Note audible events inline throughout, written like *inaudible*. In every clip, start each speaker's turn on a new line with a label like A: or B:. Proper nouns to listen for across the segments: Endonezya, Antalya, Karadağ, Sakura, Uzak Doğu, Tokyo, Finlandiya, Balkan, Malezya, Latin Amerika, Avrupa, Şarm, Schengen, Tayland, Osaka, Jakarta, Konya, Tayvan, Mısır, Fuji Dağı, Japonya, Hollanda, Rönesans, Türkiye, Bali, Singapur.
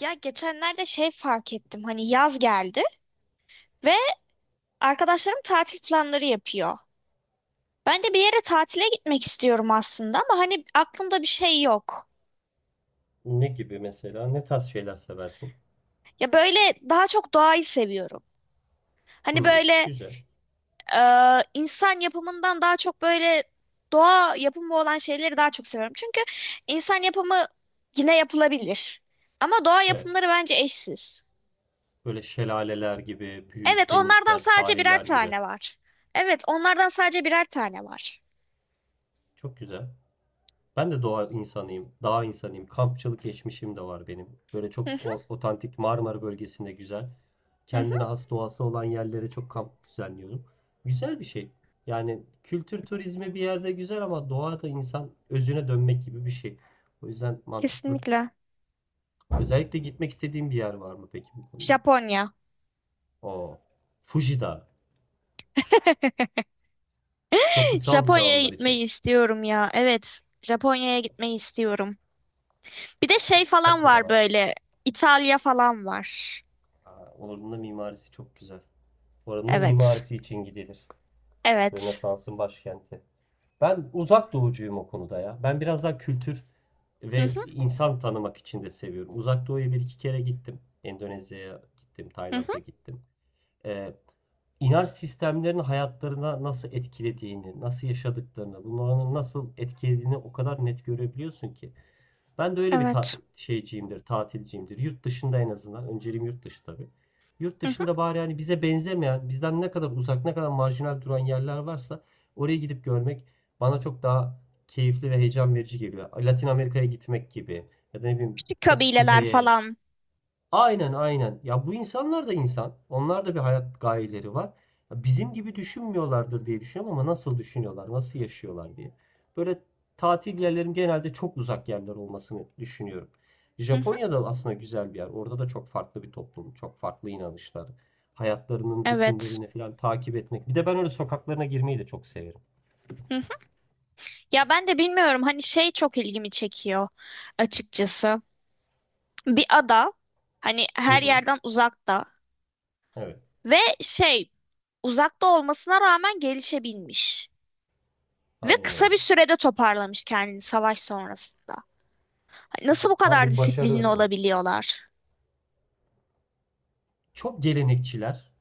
A: Ya geçenlerde fark ettim. Hani yaz geldi ve arkadaşlarım tatil planları yapıyor. Ben de bir yere tatile gitmek istiyorum aslında ama hani aklımda bir şey yok.
B: Ne gibi mesela? Ne tarz şeyler seversin?
A: Ya böyle daha çok doğayı seviyorum. Hani
B: Hmm,
A: böyle
B: güzel.
A: e, insan yapımından daha çok böyle doğa yapımı olan şeyleri daha çok seviyorum. Çünkü insan yapımı yine yapılabilir. Ama doğa
B: Evet.
A: yapımları bence eşsiz.
B: Böyle şelaleler gibi, büyük
A: Evet, onlardan
B: denizler,
A: sadece birer
B: sahiller gibi.
A: tane var. Evet, onlardan sadece birer tane var.
B: Çok güzel. Ben de doğa insanıyım, dağ insanıyım. Kampçılık geçmişim de var benim. Böyle çok
A: *laughs*
B: otantik Marmara bölgesinde güzel.
A: Hı hı,
B: Kendine has doğası olan yerlere çok kamp düzenliyorum. Güzel bir şey. Yani kültür turizmi bir yerde güzel ama doğa da insan özüne dönmek gibi bir şey. O yüzden mantıklı.
A: kesinlikle.
B: Özellikle gitmek istediğin bir yer var mı peki bu konuda?
A: Japonya.
B: O Fuji Dağı.
A: *laughs*
B: Çok kutsal bir dağ
A: Japonya'ya
B: onlar için.
A: gitmeyi istiyorum ya. Evet, Japonya'ya gitmeyi istiyorum. Bir de şey falan var
B: Sakuralar.
A: böyle. İtalya falan var.
B: Aa, oranın da mimarisi çok güzel. Oranın da
A: Evet.
B: mimarisi için gidilir.
A: Evet.
B: Rönesans'ın başkenti. Ben uzak doğucuyum o konuda ya. Ben biraz daha kültür
A: Hı
B: ve
A: hı,
B: insan tanımak için de seviyorum. Uzak doğuya bir iki kere gittim. Endonezya'ya gittim,
A: hı hı,
B: Tayland'a gittim. Ee, inanç sistemlerinin hayatlarına nasıl etkilediğini, nasıl yaşadıklarını, bunların nasıl etkilediğini o kadar net görebiliyorsun ki. Ben de öyle bir
A: evet.
B: şeyciyimdir, tatilciyimdir. Yurt dışında en azından. Önceliğim yurt dışı tabii. Yurt
A: Hı hı.
B: dışında bari hani bize benzemeyen, bizden ne kadar uzak, ne kadar marjinal duran yerler varsa oraya gidip görmek bana çok daha keyifli ve heyecan verici geliyor. Latin Amerika'ya gitmek gibi ya da ne bileyim
A: Küçük
B: çok
A: kabileler
B: kuzeye.
A: falan.
B: Aynen aynen. Ya bu insanlar da insan. Onlar da bir hayat gayeleri var. Ya bizim gibi düşünmüyorlardır diye düşünüyorum ama nasıl düşünüyorlar, nasıl yaşıyorlar diye. Böyle tatil yerlerin genelde çok uzak yerler olmasını düşünüyorum.
A: Hı hı,
B: Japonya'da aslında güzel bir yer. Orada da çok farklı bir toplum, çok farklı inanışlar. Hayatlarının
A: evet.
B: rutinlerini falan takip etmek. Bir de ben öyle sokaklarına girmeyi de çok severim.
A: Hı hı. Ya ben de bilmiyorum hani çok ilgimi çekiyor açıkçası. Bir ada hani
B: Hı
A: her
B: hı.
A: yerden uzakta
B: Evet,
A: ve uzakta olmasına rağmen gelişebilmiş. Ve
B: aynen
A: kısa bir
B: öyle.
A: sürede toparlamış kendini savaş sonrasında. Hani nasıl bu
B: Tam
A: kadar
B: bir başarı
A: disiplinli
B: örneği.
A: olabiliyorlar?
B: Çok gelenekçiler,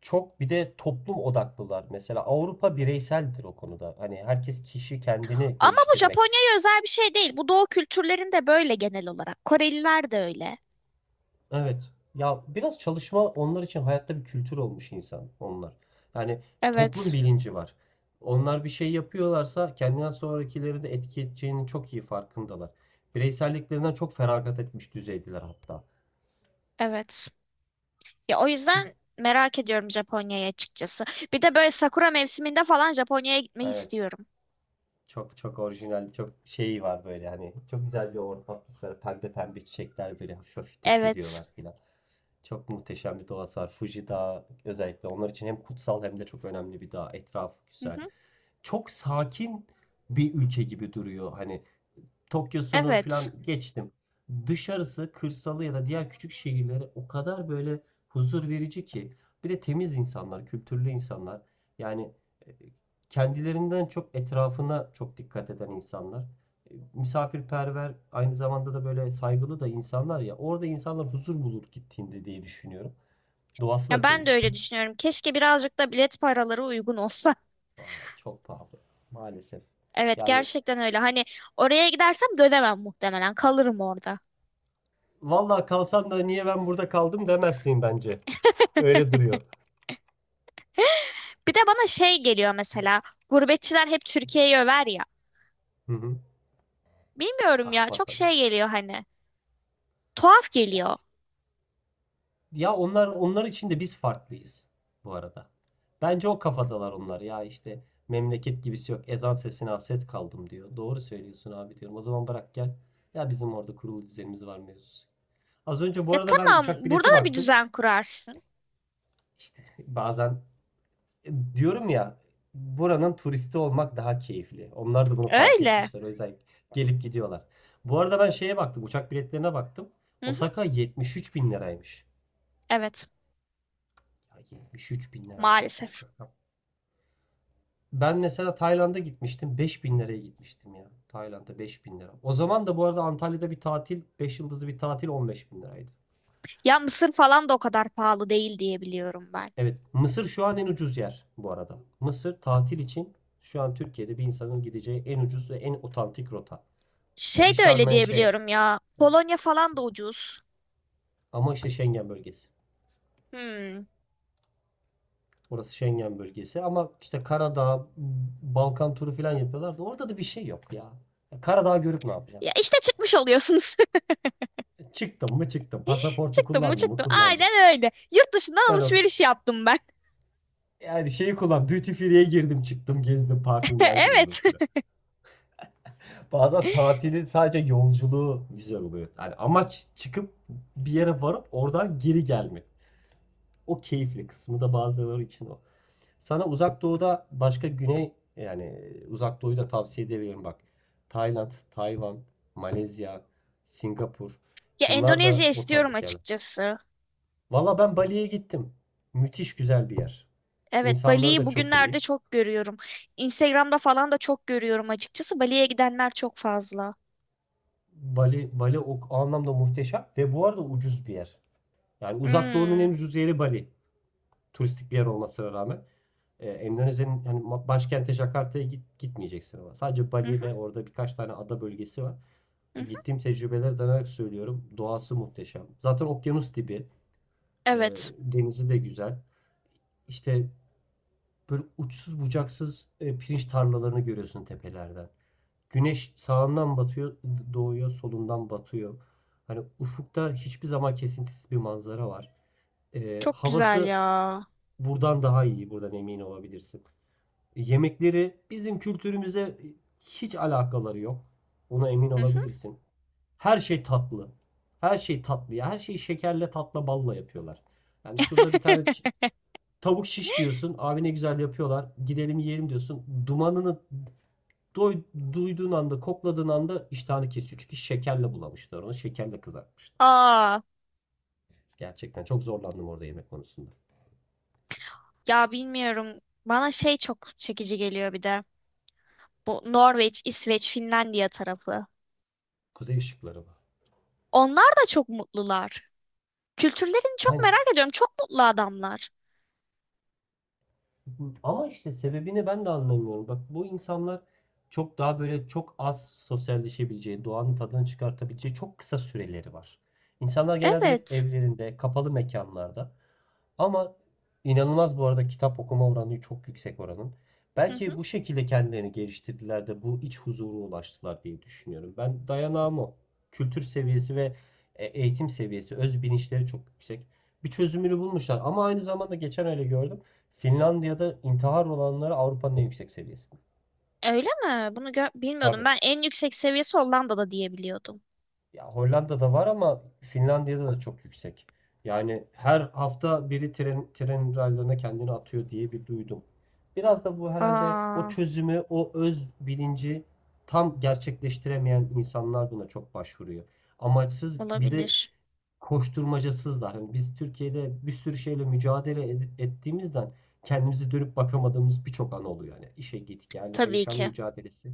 B: çok bir de toplum odaklılar. Mesela Avrupa bireyseldir o konuda. Hani herkes kişi kendini
A: Ama bu
B: geliştirmek.
A: Japonya'ya özel bir şey değil. Bu doğu kültürlerinde böyle genel olarak. Koreliler de öyle.
B: Evet. Ya biraz çalışma onlar için hayatta bir kültür olmuş insan onlar. Yani toplum
A: Evet,
B: bilinci var. Onlar bir şey yapıyorlarsa kendinden sonrakileri de etki edeceğinin çok iyi farkındalar. Bireyselliklerinden çok feragat etmiş düzeydiler hatta.
A: evet. Ya o
B: Kül-
A: yüzden merak ediyorum Japonya'yı açıkçası. Bir de böyle sakura mevsiminde falan Japonya'ya gitmeyi
B: Evet.
A: istiyorum.
B: Çok çok orijinal, çok şeyi var böyle hani. Çok güzel bir ortam atmosferi. Pembe pembe çiçekler böyle hafif hafif
A: Evet.
B: dökülüyorlar filan. Çok muhteşem bir doğası var. Fuji Dağı özellikle onlar için hem kutsal hem de çok önemli bir dağ. Etrafı
A: Hı
B: güzel.
A: hı.
B: Çok sakin bir ülke gibi duruyor. Hani Tokyo'sunu
A: Evet.
B: falan geçtim. Dışarısı, kırsalı ya da diğer küçük şehirleri o kadar böyle huzur verici ki. Bir de temiz insanlar, kültürlü insanlar. Yani e, kendilerinden çok etrafına çok dikkat eden insanlar. Misafirperver, aynı zamanda da böyle saygılı da insanlar ya. Orada insanlar huzur bulur gittiğinde diye düşünüyorum. Doğası
A: Ya
B: da
A: ben de
B: temiz.
A: öyle düşünüyorum. Keşke birazcık da bilet paraları uygun olsa. *laughs*
B: Aa, çok pahalı maalesef.
A: Evet,
B: Yani
A: gerçekten öyle. Hani oraya gidersem dönemem muhtemelen. Kalırım orada.
B: vallahi kalsan da niye ben burada kaldım demezsin bence. Öyle
A: *laughs*
B: duruyor.
A: Bir de bana şey geliyor mesela. Gurbetçiler hep Türkiye'yi över ya.
B: Hı hı.
A: Bilmiyorum
B: Ah
A: ya çok
B: vatanım.
A: şey geliyor hani. Tuhaf
B: Ya,
A: geliyor.
B: ya onlar için de biz farklıyız bu arada. Bence o kafadalar onlar. Ya işte memleket gibisi yok. Ezan sesine hasret kaldım diyor. Doğru söylüyorsun abi diyorum. O zaman bırak gel. Ya bizim orada kurulu düzenimiz var mevzusu. Az önce bu
A: Ya
B: arada ben uçak
A: tamam burada
B: bileti
A: da bir
B: baktım.
A: düzen kurarsın.
B: İşte bazen diyorum ya buranın turisti olmak daha keyifli. Onlar da bunu fark
A: Öyle.
B: etmişler. O yüzden gelip gidiyorlar. Bu arada ben şeye baktım. Uçak biletlerine baktım.
A: Hı hı,
B: Osaka 73 bin liraymış.
A: evet
B: Ya 73 bin lira çok büyük
A: maalesef.
B: rakam. Ben mesela Tayland'a gitmiştim. 5 bin liraya gitmiştim ya. Tayland'a 5 bin lira. O zaman da bu arada Antalya'da bir tatil, 5 yıldızlı bir tatil 15 bin liraydı.
A: Ya Mısır falan da o kadar pahalı değil diye biliyorum ben.
B: Evet. Mısır şu an en ucuz yer bu arada. Mısır tatil için şu an Türkiye'de bir insanın gideceği en ucuz ve en otantik rota. Yani bir
A: Şey de öyle
B: Şarm
A: diye
B: şey,
A: biliyorum ya. Polonya falan da ucuz.
B: ama işte Schengen bölgesi.
A: Hmm.
B: Orası Schengen bölgesi. Ama işte Karadağ, Balkan turu falan yapıyorlar da orada da bir şey yok. Ya Karadağ görüp ne yapacağım?
A: Ya işte çıkmış oluyorsunuz.
B: Çıktım mı çıktım.
A: *laughs*
B: Pasaportu
A: Çıktım mı
B: kullandım mı
A: çıktım.
B: kullandım.
A: Aynen öyle. Yurt dışından
B: Ben o
A: alışveriş yaptım ben.
B: yani şeyi kullan duty free'ye girdim çıktım gezdim parfümler
A: *laughs*
B: gördüm
A: Evet.
B: filan.
A: *laughs*
B: Bazen tatili sadece yolculuğu güzel oluyor. Yani amaç çıkıp bir yere varıp oradan geri gelmek. O keyifli kısmı da bazıları için o. Sana uzak doğuda başka güney yani uzak doğuyu da tavsiye edebilirim bak. Tayland, Tayvan, Malezya, Singapur.
A: Ya
B: Bunlar
A: Endonezya
B: da
A: istiyorum
B: otantik yerler.
A: açıkçası.
B: Valla ben Bali'ye gittim. Müthiş güzel bir yer.
A: Evet,
B: İnsanları
A: Bali'yi
B: da çok iyi.
A: bugünlerde çok görüyorum. Instagram'da falan da çok görüyorum açıkçası. Bali'ye gidenler çok fazla.
B: Bali, Bali o anlamda muhteşem ve bu arada ucuz bir yer. Yani Uzak Doğu'nun en
A: Hmm.
B: ucuz yeri Bali. Turistik bir yer olmasına rağmen. Endonezya'nın hani başkenti Jakarta'ya git, gitmeyeceksin ama. Sadece
A: Hı
B: Bali
A: hı,
B: ve orada birkaç tane ada bölgesi var.
A: hı hı.
B: Gittiğim tecrübeleri dayanarak söylüyorum. Doğası muhteşem. Zaten okyanus dibi. E,
A: Evet.
B: denizi de güzel. İşte böyle uçsuz bucaksız pirinç tarlalarını görüyorsun tepelerden. Güneş sağından batıyor, doğuyor, solundan batıyor. Hani ufukta hiçbir zaman kesintisiz bir manzara var.
A: Çok güzel
B: Havası
A: ya.
B: buradan daha iyi, buradan emin olabilirsin. Yemekleri bizim kültürümüze hiç alakaları yok. Ona emin
A: Hı hı.
B: olabilirsin. Her şey tatlı. Her şey tatlı ya. Her şeyi şekerle, tatla, balla yapıyorlar. Yani şurada bir tane
A: *laughs*
B: tavuk şiş diyorsun. Abi ne güzel yapıyorlar. Gidelim yiyelim diyorsun. Dumanını Doy- duyduğun anda, kokladığın anda iştahını kesiyor. Çünkü şekerle bulamışlar onu. Şekerle kızartmışlar.
A: Aa,
B: Gerçekten çok zorlandım orada yemek konusunda.
A: ya bilmiyorum. Bana şey çok çekici geliyor bir de. Bu Norveç, İsveç, Finlandiya tarafı.
B: Kuzey ışıkları var.
A: Onlar da çok mutlular. Kültürlerini çok
B: Hani
A: merak ediyorum. Çok mutlu adamlar.
B: ama işte sebebini ben de anlamıyorum. Bak bu insanlar çok daha böyle çok az sosyalleşebileceği, doğanın tadını çıkartabileceği çok kısa süreleri var. İnsanlar genelde hep
A: Evet.
B: evlerinde, kapalı mekanlarda. Ama inanılmaz bu arada kitap okuma oranı çok yüksek oranın.
A: Hı
B: Belki
A: hı.
B: bu şekilde kendilerini geliştirdiler de bu iç huzura ulaştılar diye düşünüyorum. Ben dayanağım o. Kültür seviyesi ve eğitim seviyesi, öz bilinçleri çok yüksek. Bir çözümünü bulmuşlar ama aynı zamanda geçen öyle gördüm. Finlandiya'da intihar oranları Avrupa'nın en yüksek seviyesi.
A: Öyle mi? Bunu bilmiyordum.
B: Tabii.
A: Ben en yüksek seviyesi Hollanda'da diyebiliyordum.
B: Ya Hollanda'da var ama Finlandiya'da da çok yüksek. Yani her hafta biri tren raylarına kendini atıyor diye bir duydum. Biraz da bu herhalde o
A: Aa.
B: çözümü, o öz bilinci tam gerçekleştiremeyen insanlar buna çok başvuruyor. Amaçsız bir de
A: Olabilir.
B: koşturmacasızlar. Hani biz Türkiye'de bir sürü şeyle mücadele ettiğimizden kendimize dönüp bakamadığımız birçok an oluyor. Yani işe git gel,
A: Tabii
B: yaşam
A: ki.
B: mücadelesi.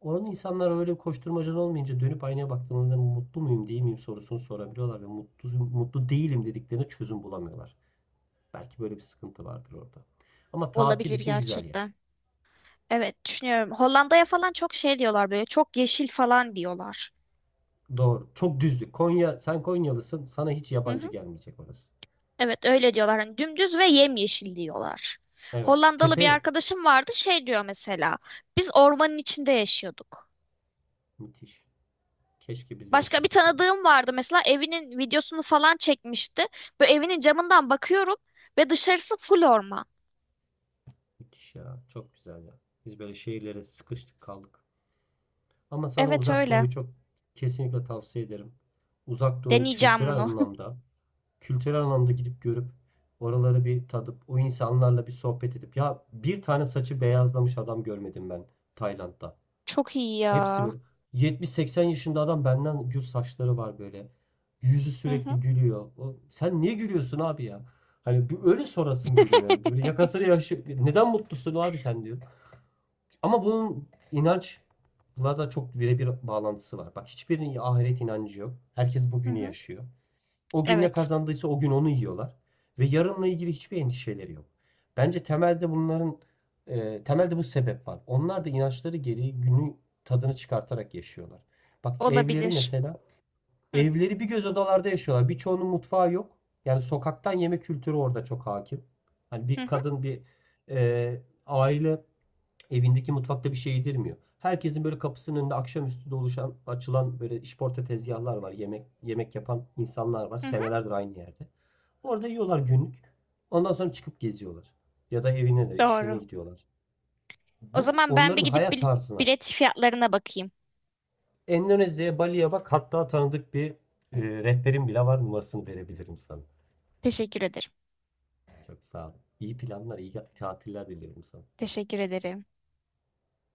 B: Onun insanlar öyle koşturmacan olmayınca dönüp aynaya baktığında mutlu muyum değil miyim sorusunu sorabiliyorlar ve mutlu değilim dediklerine çözüm bulamıyorlar. Belki böyle bir sıkıntı vardır orada. Ama tatil
A: Olabilir
B: için güzel yer.
A: gerçekten. Evet düşünüyorum. Hollanda'ya falan çok şey diyorlar böyle çok yeşil falan diyorlar.
B: Doğru. Çok düzlük. Konya, sen Konyalısın. Sana hiç
A: Hı
B: yabancı
A: hı.
B: gelmeyecek orası.
A: Evet öyle diyorlar. Hani dümdüz ve yemyeşil diyorlar.
B: Evet.
A: Hollandalı
B: Tepe
A: bir
B: yok.
A: arkadaşım vardı şey diyor mesela. Biz ormanın içinde yaşıyorduk.
B: Müthiş. Keşke biz de
A: Başka bir
B: yaşasak öyle.
A: tanıdığım vardı mesela evinin videosunu falan çekmişti. Böyle evinin camından bakıyorum ve dışarısı full orman.
B: Müthiş ya. Çok güzel ya. Biz böyle şehirlere sıkıştık kaldık. Ama sana
A: Evet
B: Uzak
A: öyle.
B: Doğu'yu çok kesinlikle tavsiye ederim. Uzak Doğu
A: Deneyeceğim
B: kültürel
A: bunu. *laughs*
B: anlamda kültürel anlamda gidip görüp oraları bir tadıp o insanlarla bir sohbet edip ya bir tane saçı beyazlamış adam görmedim ben Tayland'da.
A: Çok iyi
B: Hepsi
A: ya.
B: böyle 70-80 yaşında adam benden gür saçları var böyle. Yüzü
A: Hı hı.
B: sürekli gülüyor. O, sen niye gülüyorsun abi ya? Hani bir öyle sorasım geliyor yani. Böyle
A: *laughs*
B: yakasını yaşı neden mutlusun abi sen diyor. Ama bunun inanç bunlar da çok birebir bağlantısı var. Bak hiçbirinin ahiret inancı yok. Herkes
A: Hı
B: bugünü
A: hı.
B: yaşıyor. O gün ne
A: Evet.
B: kazandıysa o gün onu yiyorlar. Ve yarınla ilgili hiçbir endişeleri yok. Bence temelde bunların temelde bu sebep var. Onlar da inançları gereği günü tadını çıkartarak yaşıyorlar. Bak evleri
A: Olabilir.
B: mesela
A: Hı,
B: evleri bir göz odalarda yaşıyorlar. Birçoğunun mutfağı yok. Yani sokaktan yeme kültürü orada çok hakim. Hani
A: hı
B: bir
A: hı,
B: kadın bir e, aile evindeki mutfakta bir şey yedirmiyor. Herkesin böyle kapısının önünde akşamüstü de oluşan, açılan böyle işporta tezgahlar var. Yemek yapan insanlar var.
A: hı hı.
B: Senelerdir aynı yerde. Orada yiyorlar günlük. Ondan sonra çıkıp geziyorlar. Ya da evine de işlerine
A: Doğru.
B: gidiyorlar.
A: O
B: Bu
A: zaman ben
B: onların
A: bir gidip
B: hayat tarzına.
A: bilet fiyatlarına bakayım.
B: Endonezya'ya, Bali'ye bak. Hatta tanıdık bir rehberim bile var. Numarasını verebilirim sana.
A: Teşekkür ederim.
B: Çok sağ ol. İyi planlar, iyi tatiller diliyorum sana.
A: Teşekkür ederim.